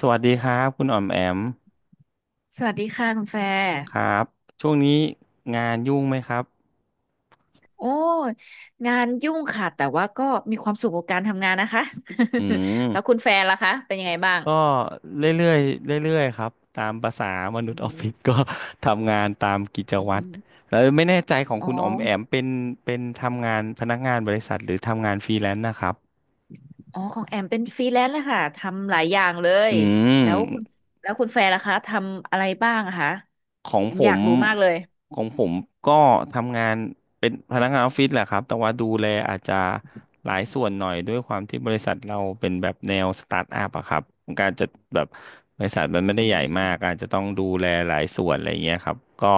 สวัสดีครับคุณอ๋อมแอมสวัสดีค่ะคุณแฟร์ครับช่วงนี้งานยุ่งไหมครับโอ้ยงานยุ่งค่ะแต่ว่าก็มีความสุขกับการทำงานนะคะ อืม แล้วคุณแฟร์ล่ะคะเป็นยังไงบ้างก็เรื่อยๆเรื่อยๆครับตามภาษามนุษอืย์ออฟฟิศมก็ ทำงานตามกิจอืวัตรม แล้วไม่แน่ใจของอ๋อคุณอ๋อมแอมเป็นเป็นทำงานพนักงานบริษัทหรือทำงานฟรีแลนซ์นะครับอ๋อของแอมเป็นฟรีแลนซ์เลยค่ะทำหลายอย่างเลย อืแล้วคุณม แล้วคุณแฟร์ล่ะคะทำอะไรบ้างอะคะของแอมผอยามกรู้มากเลย ของผมก็ทำงานเป็นพนักงานออฟฟิศแหละครับแต่ว่าดูแลอาจจะหลายส่วนหน่อยด้วยความที่บริษัทเราเป็นแบบแนวสตาร์ทอัพอะครับมันกาจจะแบบบริษัทมันอืไม่ได้ใหญ่มมากอาจจะต้องดูแลหลายส่วนอะไรเงี้ยครับก็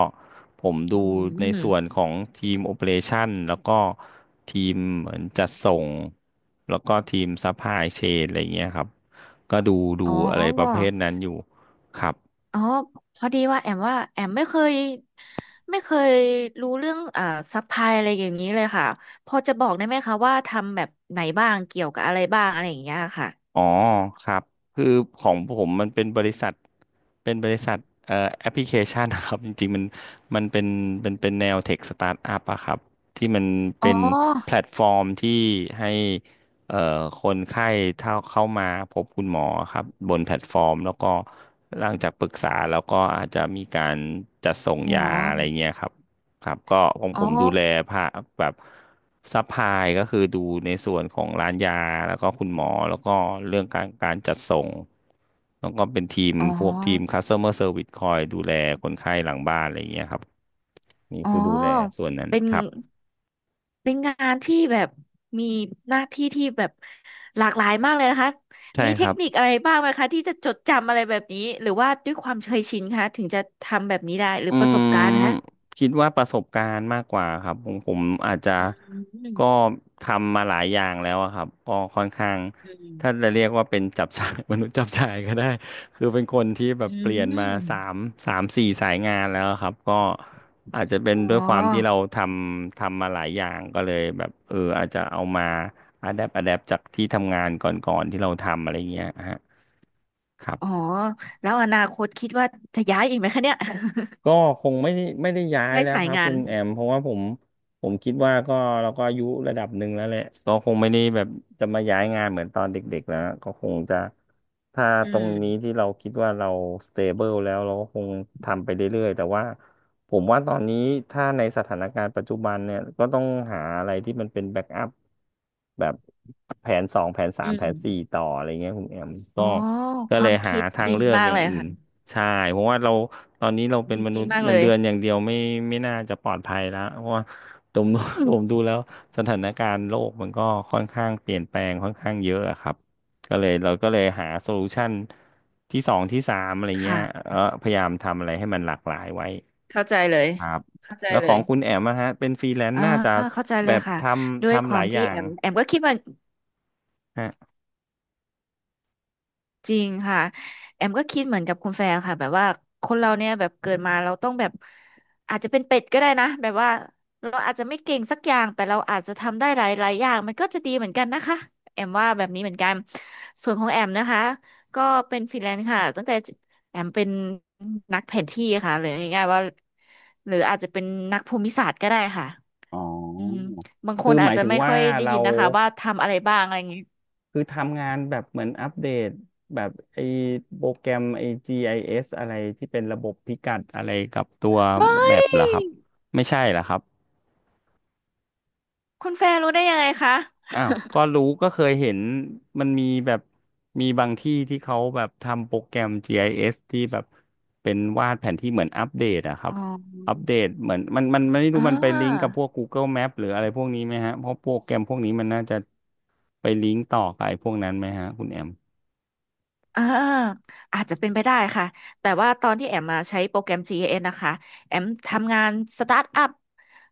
ผมดูอืในส่วนมของทีมโอเปอเรชันแล้วก็ทีมเหมือนจัดส่งแล้วก็ทีมซัพพลายเชนอะไรเงี้ยครับก็ดูดูอ๋อะไรประเภอ ทนั้นอยู่ครับ อ๋อพอดีว่าแอมว่าแอมไม่เคยรู้เรื่องซัพพลายอะไรอย่างนี้เลยค่ะพอจะบอกได้ไหมคะว่าทำแบบไหนบ้างเกี่ยวกับอะไรบ้างอะไรอย่างเงี้ยค่ะอ๋อครับคือของผมมันเป็นบริษัทเป็นบริษัทเอ่อแอปพลิเคชันนะครับ จริงๆมันมันเป็นเป็นแนวเทคสตาร์ทอัพอะครับที่มันอ๋อเป็นแพลตฟอร์มที่ให้เอ่อคนไข้เท่าเข้ามาพบคุณหมอครับบนแพลตฟอร์มแล้วก็หลังจากปรึกษาแล้วก็อาจจะมีการจัดส่งอ๋อยาอะไรเงี้ยครับ ครับก็ของอ๋อผมดูแลภาคแบบซัพพลายก็คือดูในส่วนของร้านยาแล้วก็คุณหมอแล้วก็เรื่องการการจัดส่งแล้วก็เป็นทีมอ๋อพวกทีม customer service คอยดูแลคนไข้หลังบ้านอะไรอย่างเงี้ยครับนี่อ๋อคือดูแลส่วนนั้นเป็นครับเป็นงานที่แบบมีหน้าที่ที่แบบหลากหลายมากเลยนะคะใช่มีคเทรัคบ นิคอะไรบ้างไหมคะที่จะจดจำอะไรแบบนี้หรือว่าด้วยความเคยชินคะถึงจะทำแบบนี้ได้หรืออืประสมบการณ์คะคิดว่าประสบการณ์มากกว่าครับผมอาจจะอืมก็ทำมาหลายอย่างแล้วอะครับก็ค่อนข้างอืม ถ้าจะเรียกว่าเป็นจับฉ่าย มนุษย์จับฉ่ายก็ได้ คือเป็นคนที่แบบอืเปลี่ยนมาม สามสี่สายงานแล้วอะครับก็อาจจะเป็นด้วอ๋ยอ ความที่เราทำมาหลายอย่างก็เลยแบบเอออาจจะเอามาอะแดปจากที่ทำงานก่อนๆที่เราทำอะไรเงี้ยฮะครัอ๋อ บ แล้วอนาคตคิดว่าจะย้ายอีกไหมคะเนี่ย ก็คงไม่ได้ย้า ยได้า ยแล้วสาคยรับงาคุนณแอมเพราะว่าผมคิดว่าก็เราก็อายุระดับหนึ่งแล้วแหละก็คงไม่ได้แบบจะมาย้ายงานเหมือนตอนเด็กๆแล้วก็คงจะถ้าอืตรงนี้ที่มเราคิดว่าเราสเตเบิลแล้วเราก็คงทำไปเรื่อยๆแต่ว่าผมว่าตอนนี้ถ้าในสถานการณ์ปัจจุบันเนี่ยก็ต้องหาอะไรที่มันเป็นแบ็กอัพแบบแผนสองแผนสาอืมแผมนสี่ต่ออะไรเงี้ยคุณแอมอ๋ก็อ คเลวายมหาคิดทางดีเลือกมาอกย่าเลงยอื่น ค่ะ ใช่เพราะว่าเราตอนนี้เราเป็นดีมนุษย์มากเงิเลนยเดือนอย่างเดียวไม่น่าจะปลอดภัยแล้วเพราะว่าผมดู ผมดูแล้วสถานการณ์โลกมันก็ค่อนข้างเปลี่ยนแปลงค่อนข้างเยอะอะครับก็เลยเราก็เลยหาโซลูชันที่สองที่สามอะไรเงี้ยค่ะ เออพยายามทำอะไรให้มันหลากหลายไว้เข้าใจเลย ครับเข้าใจแล้วเลขอยงคุณแอมนะฮะเป็นฟรีแลนซ์อ่าน่าจะเข้าใจเลแบยบค่ะ ทด้ำวยคหวาลามยอที่ย่าแองมแอมก็คิดว่า ฮะจริงค่ะแอมก็คิดเหมือนกับคุณแฟร์ค่ะแบบว่าคนเราเนี่ยแบบเกิดมาเราต้องแบบอาจจะเป็นเป็ดก็ได้นะแบบว่าเราอาจจะไม่เก่งสักอย่างแต่เราอาจจะทำได้หลายหลายอย่างมันก็จะดีเหมือนกันนะคะแอมว่าแบบนี้เหมือนกันส่วนของแอมนะคะก็เป็นฟรีแลนซ์ค่ะตั้งแต่แอมเป็นนักแผนที่ค่ะหรือง่ายๆว่าหรืออาจจะเป็นนักภูมิศาสตร์ก็ได้ค่ะอ๋ออืมบางคคืนอหอาจมายจะถึงไม่ค่ว่าอยได้ยิเรา นนะคะว่าทำอะไรบ้างอะไรอย่างงี้คือทำงานแบบเหมือนอัปเดตแบบไอ้โปรแกรมไอ้ GIS อเอสอะไรที่เป็นระบบพิกัดอะไรกับตัวเฮ้แมปเหรอคยรับไม่ใช่เหรอครับคุณแฟร์รู้ได้ยังไงคะ อ้าวก็รู้ก็เคยเห็นมันมีแบบมีบางที่ที่เขาแบบทำโปรแกรมจีไอเอสที่แบบเป็นวาดแผนที่เหมือนอัปเดตอะครับอ๋อัปอเดตเหมือนมันไม่รู้อ่มันไปลิงก์กับาพวก Google Map หรืออะไรพวกนี้ไหมฮะเพราะโปรแกรมพวกนี้มันน่าจะไปลิงก์ต่อกับไอ้พวกนั้นไหมฮะคุณแอมอ่าอาจจะเป็นไปได้ค่ะ แต่ว่าตอนที่แอมมาใช้โปรแกรม GIS นะคะ แอมทำงานสตาร์ทอัพ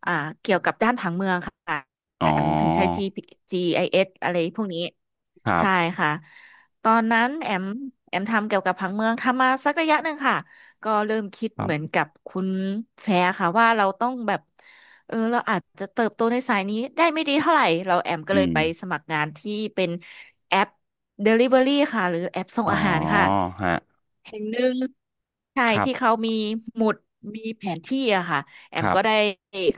อ่าเกี่ยวกับด้านผังเมืองค่ะ อ๋อแอมถึงใช้ G i s อเอสอะไรพวกนี้ ครัใช่บ ค่ะ ตอนนั้นแอมทำเกี่ยวกับผังเมืองทำมาสักระยะหนึ่งค่ะ ก็เริ่มคิดครัเหมือนบกับคุณแฟร์ค่ะว่าเราต้องแบบ เออเราอาจจะเติบโตในสายนี้ได้ไม่ดีเท่าไหร่เราแอมก็อืเลยมไปสมัครงานที่เป็นแอป Delivery ค่ะหรือแอปส่งอ๋ออาหารค่ะฮะแห่งหนึ่งใช่ครัที่บเขามีหมุดมีแผนที่อะค่ะแอคมรัก็ได้บ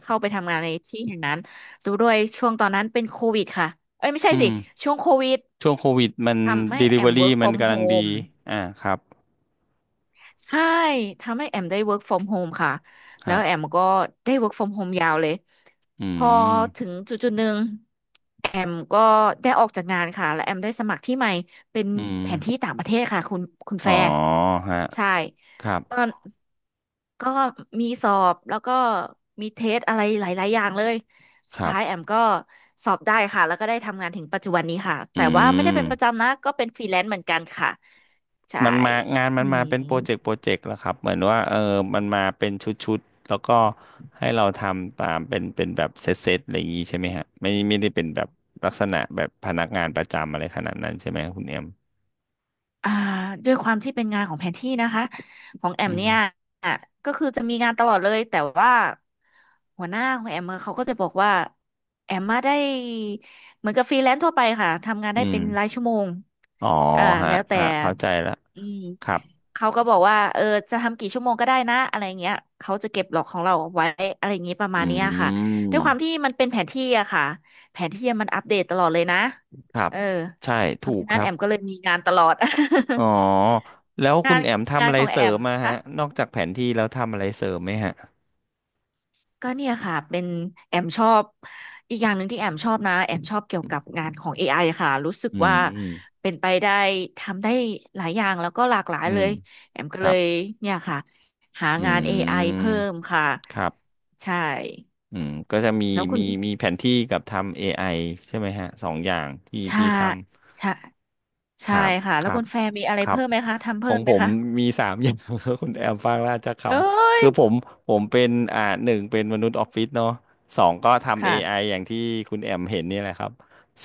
เข้าไปทำงานในที่แห่งนั้นดูด้วยช่วงตอนนั้นเป็นโควิดค่ะเอ้ยไม่ใช่อืสิมช่วงโควิดช่วงโควิดมัน ทำให้แอม Delivery work มัน from กำลังดี home อ่าครับใช่ทำให้แอมได้ work from home ค่ะคแล้รัวแอบ มก็ได้ work from home ยาวเลยอืพอถึงมจุดจุดหนึ่งแอมก็ได้ออกจากงานค่ะและแอมได้สมัครที่ใหม่เป็นอืมแผนที่ต่างประเทศค่ะคุณอ๋แฟอร์ฮะใช่ครับตอนก็มีสอบแล้วก็มีเทสอะไรหลายๆอย่างเลยสุคดรัท้ายแอบมก็สอบได้ค่ะแล้วก็ได้ทำงานถึงปัจจุบันนี้ค่ะอืแต่ว่าไม่ได้เป็นประมจำนะก็เป็นฟรีแลนซ์เหมือนกันค่ะใช่มันมางานมัอืนมาม เป็นโปรเจกต์แล้วครับเหมือนว่าเออมันมาเป็นชุดๆแล้วก็ให้เราทำตามเป็นแบบเซตๆอะไรอย่างงี้ใช่ไหมฮะไม่ได้เป็นแบบลักษณะแบบพนักงานประจำอะไรขนาดนั้นใช่ไหมครับคุณเอ็มอ่าด้วยความที่เป็นงานของแผนที่นะคะของแออืมเนี่ยมก็คือจะมีงานตลอดเลยแต่ว่าหัวหน้าของแอมอเขาก็จะบอกว่าแอมมาได้เหมือนกับฟรีแลนซ์ทั่วไปค่ะทำงานได้อืม เป็นรายชั่วโมงอ๋ออ่าฮะแล้วแต่ฮะเข้าใจแล้วอืม ครับเขาก็บอกว่าเออจะทำกี่ชั่วโมงก็ได้นะอะไรเงี้ยเขาจะเก็บหลอกของเราไว้อะไรอย่างงี้ประมาอืณเนี้ยค่ะด้วยความที่มมันเป็นแผนที่อะค่ะแผนที่มันอัปเดตตลอดเลยนะครับเออใช่เพถูราะกฉะคนั้นรัแอมก็บเลยมีงานตลอด อ๋อ แล้วคุณแอมทำงานอะไรของเสแอริมมมาฮะค่ะ นอกจากแผนที่แล้วทำอะไรเสริมไหมฮะก็เนี่ยค่ะเป็นแอมชอบอีกอย่างหนึ่งที่แอมชอบนะแอมชอบเกี่ยวกับงานของ AI ค่ะรู้สึกอืว่ามเป็นไปได้ทำได้หลายอย่างแล้วก็หลากหลายอืเลมยแอมก็คเลรับยเนี่ยค่ะหาอืงาน AI มเพิ่มค่ะครับใช่อืมก็จะมีแล้วคุณมีแผนที่กับทำ AI ใช่ไหมฮะสองอย่างที่ชาทำ ชาคใช่รับค่ะคแล้วรัคุบณแฟร์มีอะไรครับเพิ่มไหมคะทำขอเพิ่งมไหผมมคะมีสามอย่าง คุณแอมฟังแล้วอาจจะขเอ้ำยคือผมเป็นหนึ่งเป็นมนุษย์ออฟฟิศเนาะสองก็ทำ AI อค่ะไออย่างที่คุณแอมเห็นนี่แหละครับ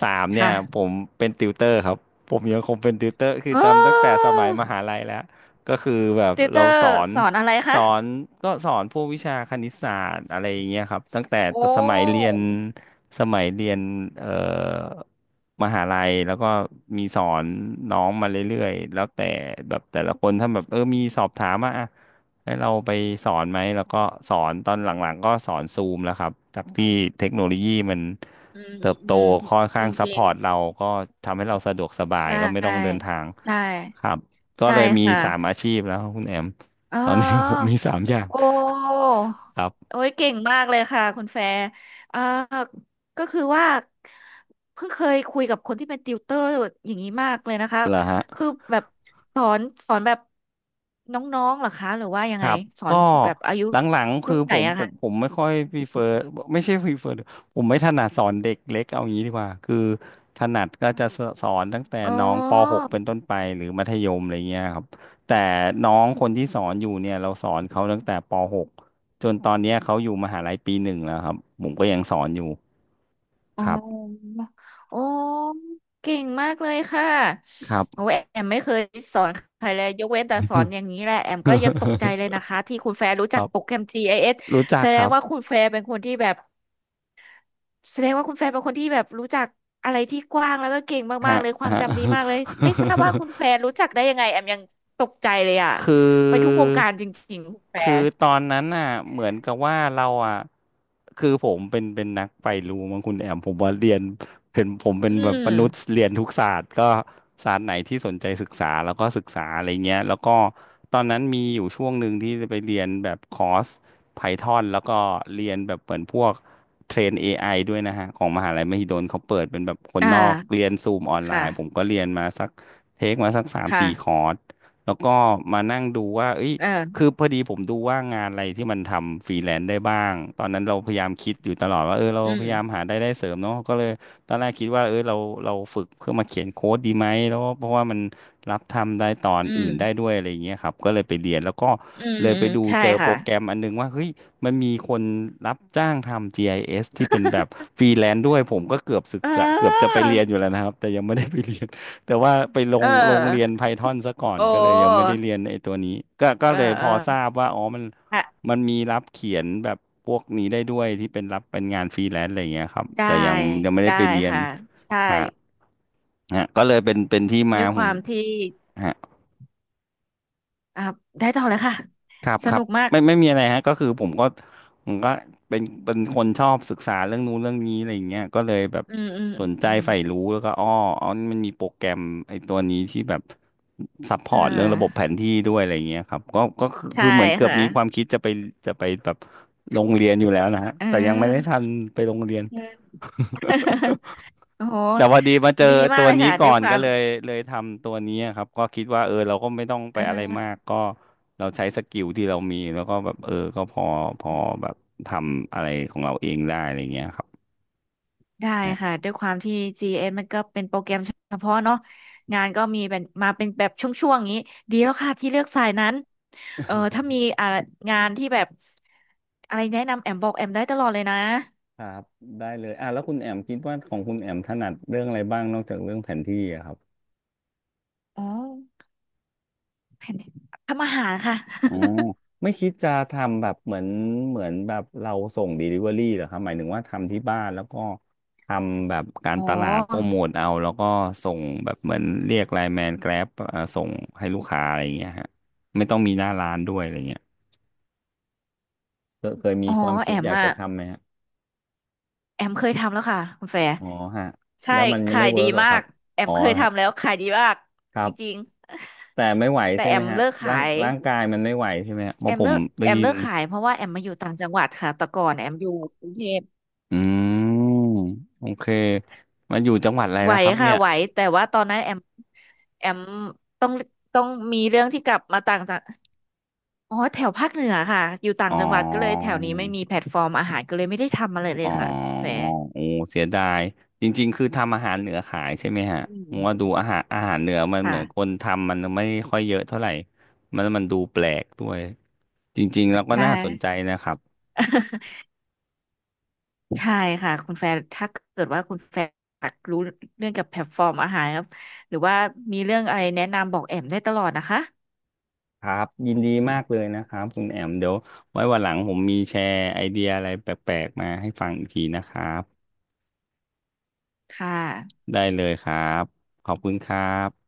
สามเนี่ยค่ะผมเป็นติวเตอร์ครับผมยังคงเป็นติวเตอร์คือโอ้ทำตั้งแต่สมัยมหาลัยแล้วก็คือแบบติวเตเราอร์สอนสอนอะไรสคะอนก็สอนพวกวิชาคณิตศาสตร์อะไรอย่างเงี้ยครับตั้งแต่โอ้สมัยเรียน สมัยเรียนเอ่อมหาลัยแล้วก็มีสอนน้องมาเรื่อยๆแล้วแต่แบบแต่ละคนถ้าแบบเออมีสอบถามมาอ่ะให้เราไปสอนไหมแล้วก็สอนตอนหลังๆก็สอนซูมแล้วครับจากที่เทคโนโลยีมันอืมอืเติมบโตอืมค่อนจข้าริงงจซัพริพอง ร์ตเราก็ทำให้เราสะดวกสบาใชยก็ไม่ต้องเดิน่ทางใช่ครับก็ใช่เลยมีค่ะสามอาชีพแล้วคุณแอมอ๋ตอนนี้ผมอมีสามอย่างโอ้ครับโอ้ยเก่งมากเลยค่ะคุณแฟร์เอ่อก็คือว่าเพิ่งเคยคุยกับคนที่เป็นติวเตอร์อย่างนี้มากเลยนะคะเหรอฮะ คือแบบสอนสอนแบบน้องๆเหรอคะหรือว่ายัคงไงรับสอก็นแบบอายุหลังๆคือรุ่นไหผนมอะผคะมผมไม่ค่อยพีเฟอร์ไม่ใช่พีเฟอร์ผมไม่ถนัดสอนเด็กเล็กเอางี้ดีกว่าคือถนัดก็จะสสอนตั้งแต่อ๋อ น้องป .6 เป็นต้นไปหรือมัธยมอะไรเงี้ยครับแต่น้องคนที่สอนอยู่เนี่ยเราสอนเขาตั้งแต่ป .6 จนตอนเนี้ยเขาอยู่มหาลัยปี 1แล้วครับผมก็ยังสอนอยู่อ๋อครับโอ้เก่งมากเลยค่ะครับ โอ้ยแอมไม่เคยสอนใครเลยยกเว้นแต่สอนอย่างนี้แหละแอมก็ยังตกใจเลยนะคะที่คุณแฟร์รู้ คจักรัโปรบแกรม GIS รู้จัแสกดคงรับว่าคุณแฟร์เป็นคนที่แบบแสดงว่าคุณแฟร์เป็นคนที่แบบรู้จักอะไรที่กว้างแล้วก็เก่งมาฮะกๆเลยความฮะ จำดีมากเลยไม่ทราบว่าคุณ แฟร์รู้จักได้ยังไงแอมยังตกใจเลยอะคืไปทุกวองการจริงๆคุณแฟคืร์อตอนนั้นน่ะเหมือนกับว่าเราอ่ะคือผมเป็นนักไปรู้มั้งคุณแอมผมว่าเรียนเป็นผมเป็นอืแบบมนุษย์ม เรียนทุกศาสตร์ก็ศาสตร์ไหนที่สนใจศึกษาแล้วก็ศึกษาอะไรเงี้ยแล้วก็ตอนนั้นมีอยู่ช่วงหนึ่งที่จะไปเรียนแบบคอร์ส Python แล้วก็เรียนแบบเหมือนพวกเทรน AI ด้วยนะฮะของมหาลัยมหิดลเขาเปิดเป็นแบบคนอ่านอกเรียนซูมออนไลค่ะ น์ผมก็เรียนมาสักเทคมาสักสามสี่คค่ะอร์ส แล้วก็มานั่งดูว่าเอ้ยเอคืออพอดีผมดูว่างานอะไรที่มันทำฟรีแลนซ์ได้บ้าง ตอนนั้นเราพยายามคิดอยู่ตลอดว่าเออเราอืพมยายามหารายได้เสริมเนาะก็เลยตอนแรกคิดว่าเออเราเราฝึกเพื่อมาเขียนโค้ดดีไหมแล้วเพราะว่ามันรับทำได้ตอนอือื่ม นได้ด้วยอะไรอย่างเงี้ยครับก็เลยไปเรียนแล้วก็อืมเลยอืไปมดูใช่เจอโปค่ะ รแกรมอันนึงว่าเฮ้ยมันมีคนรับจ้างทำ GIS ที่เป็นแบบ ฟรีแลนซ์ด้วยผมก็เกือบศึกเอษาเกือบจะไปอเรียนอยู่แล้วนะครับแต่ยังไม่ได้ไปเรียน แต่ว่าไปลเองลงเรียน อ Python ซะก่อนโอ้ก็เลยยังไม่ได้เรียนไอ้ตัวนี้ก็เออเลยพเอออทราบว่าอ๋อมันฮะมันมีรับเขียนแบบพวกนี้ได้ด้วยที่เป็นรับเป็นงานฟรีแลนซ์อะไรอย่างเงี้ยครับได้แต่ยังไม่ได้ได้ไปเรียนค่ะใช่ฮะฮะก็เลยเป็นที่มาด้วยผคมวามที่ฮะ อ่าได้ต่อเลยค่ะครับสครันุบกมากไม่มีอะไรฮะก็คือผมก็เป็นคนชอบศึกษาเรื่องนู้นเรื่องนี้อะไรอย่างเงี้ยก็เลยแบบอืมอืมสนใจอืมใฝ่รู้แล้วก็อ้ออ๋อนี่มันมีโปรแกรมไอ้ตัวนี้ที่แบบซัพพอเอร์ตเรื่องอระบบแผนที่ด้วยอะไรอย่างเงี้ยครับก็ก็คือคืใช่อเหมือนเกือบค่ะมีความคิดจะไปแบบลงเรียนอยู่แล้วนะฮะเอแต่ยังไม่ได้อทันไปโรงเรียน เออ โอ้โหแต่พอดีมาเจอดีมาตักวเลยนี้ค่ะด้ก่อวยนควาก็มเลยทำตัวนี้อะครับก็คิดว่าเออเราก็ไม่ต้องไปเออะไรมากอ ก็เราใช้สกิลที่เรามีแล้วก็แบบเออก็พอแบบทำอะไรของเราเองได้อะไรเงี้ยครับได้เนี่ยค่ะด้วยความที่ GS มันก็เป็นโปรแกรมเฉพาะเนาะงานก็มีเป็นมาเป็นแบบช่วงๆอย่างนี้ดีแล้วค่ะที่เลือกสายนั้นเออถ้ามีงานที่แบบอะไรแนะนำแอมบอกแอมได้ตลอดเลยนะครับได้เลยอ่ะแล้วคุณแอมคิดว่าของคุณแอมถนัดเรื่องอะไรบ้างนอกจากเรื่องแผนที่อะครับ อ๋อแผนทำอาหารค่ะ อ๋อไม่คิดจะทำแบบเหมือนแบบเราส่ง Delivery เหรอครับหมายถึงว่าทำที่บ้านแล้วก็ทำแบบการ อ๋อ ตลาดโปรโมทเอาแล้วก็ส่งแบบเหมือนเรียกไลน์แมนแกร็บส่งให้ลูกค้าอะไรอย่างเงี้ยฮะไม่ต้องมีหน้าร้านด้วยอะไรเงี้ยเคยมี อ๋อความคิแอดมอยากจะอะทำไหมฮะแอมเคยทำแล้วค่ะคุณแฟร์อ๋อฮะใช่แล้วมันยังขาไม่ยเวิดีร์กเหรอมาครักบแอมอ๋อเคยแล้วฮะทำแล้วขายดีมากครัจริบงแต่ไม่ไหวๆแต่ใช่แอไหมมฮะเลิกร่างขาย ร่างกายมันไม่ไหวใช่ไหมฮะเพแอราะมผเลิมกได้แอมยิเลิน กขายเพราะว่าแอมมาอยู่ต่างจังหวัดค่ะแต่ก่อนแอมอยู่กรุงเทพอืมโอเคมาอยู่จังหวัดอะไรไหวแล้วครับค่ะเนี่ยไหวแต่ว่าตอนนั้นแอมต้องต้องมีเรื่องที่กลับมาต่างจังอ๋อแถวภาคเหนือค่ะอยู่ต่าอ๋งอจังหวัดก็เลยแถวนี้ไม่มีแพลตฟอร์มอาหารก็เลยไม่ได้ทำอะไรเลอ๋ยอค่ะแฟโอร์้เสียดายจริงๆคือทำอาหารเหนือขายใช่ไหมอืฮะผมว่าดูมอาหารเหนือมันเหมือนคค่ะนทำมันไม่ค่อยเยอะเท่าไหร่มันดูแปลกด้วยจริงๆแล้วก็ใชน่าสนใจ่ นะครับ ใช่ค่ะคุณแฟร์ถ้าเกิดว่าคุณแฟร์อยากรู้เรื่องกับแพลตฟอร์มอาหารครับหรือว่ามีเรื่องอะไรแนะนำบอกแอมได้ตลอดนะคะครับยินดีมากเลยนะครับคุณแอมเดี๋ยวไว้วันหลังผมมีแชร์ไอเดียอะไรแปลกๆมาให้ฟังอีกทีนะครับค่ะได้เลยครับขอบคุณครับ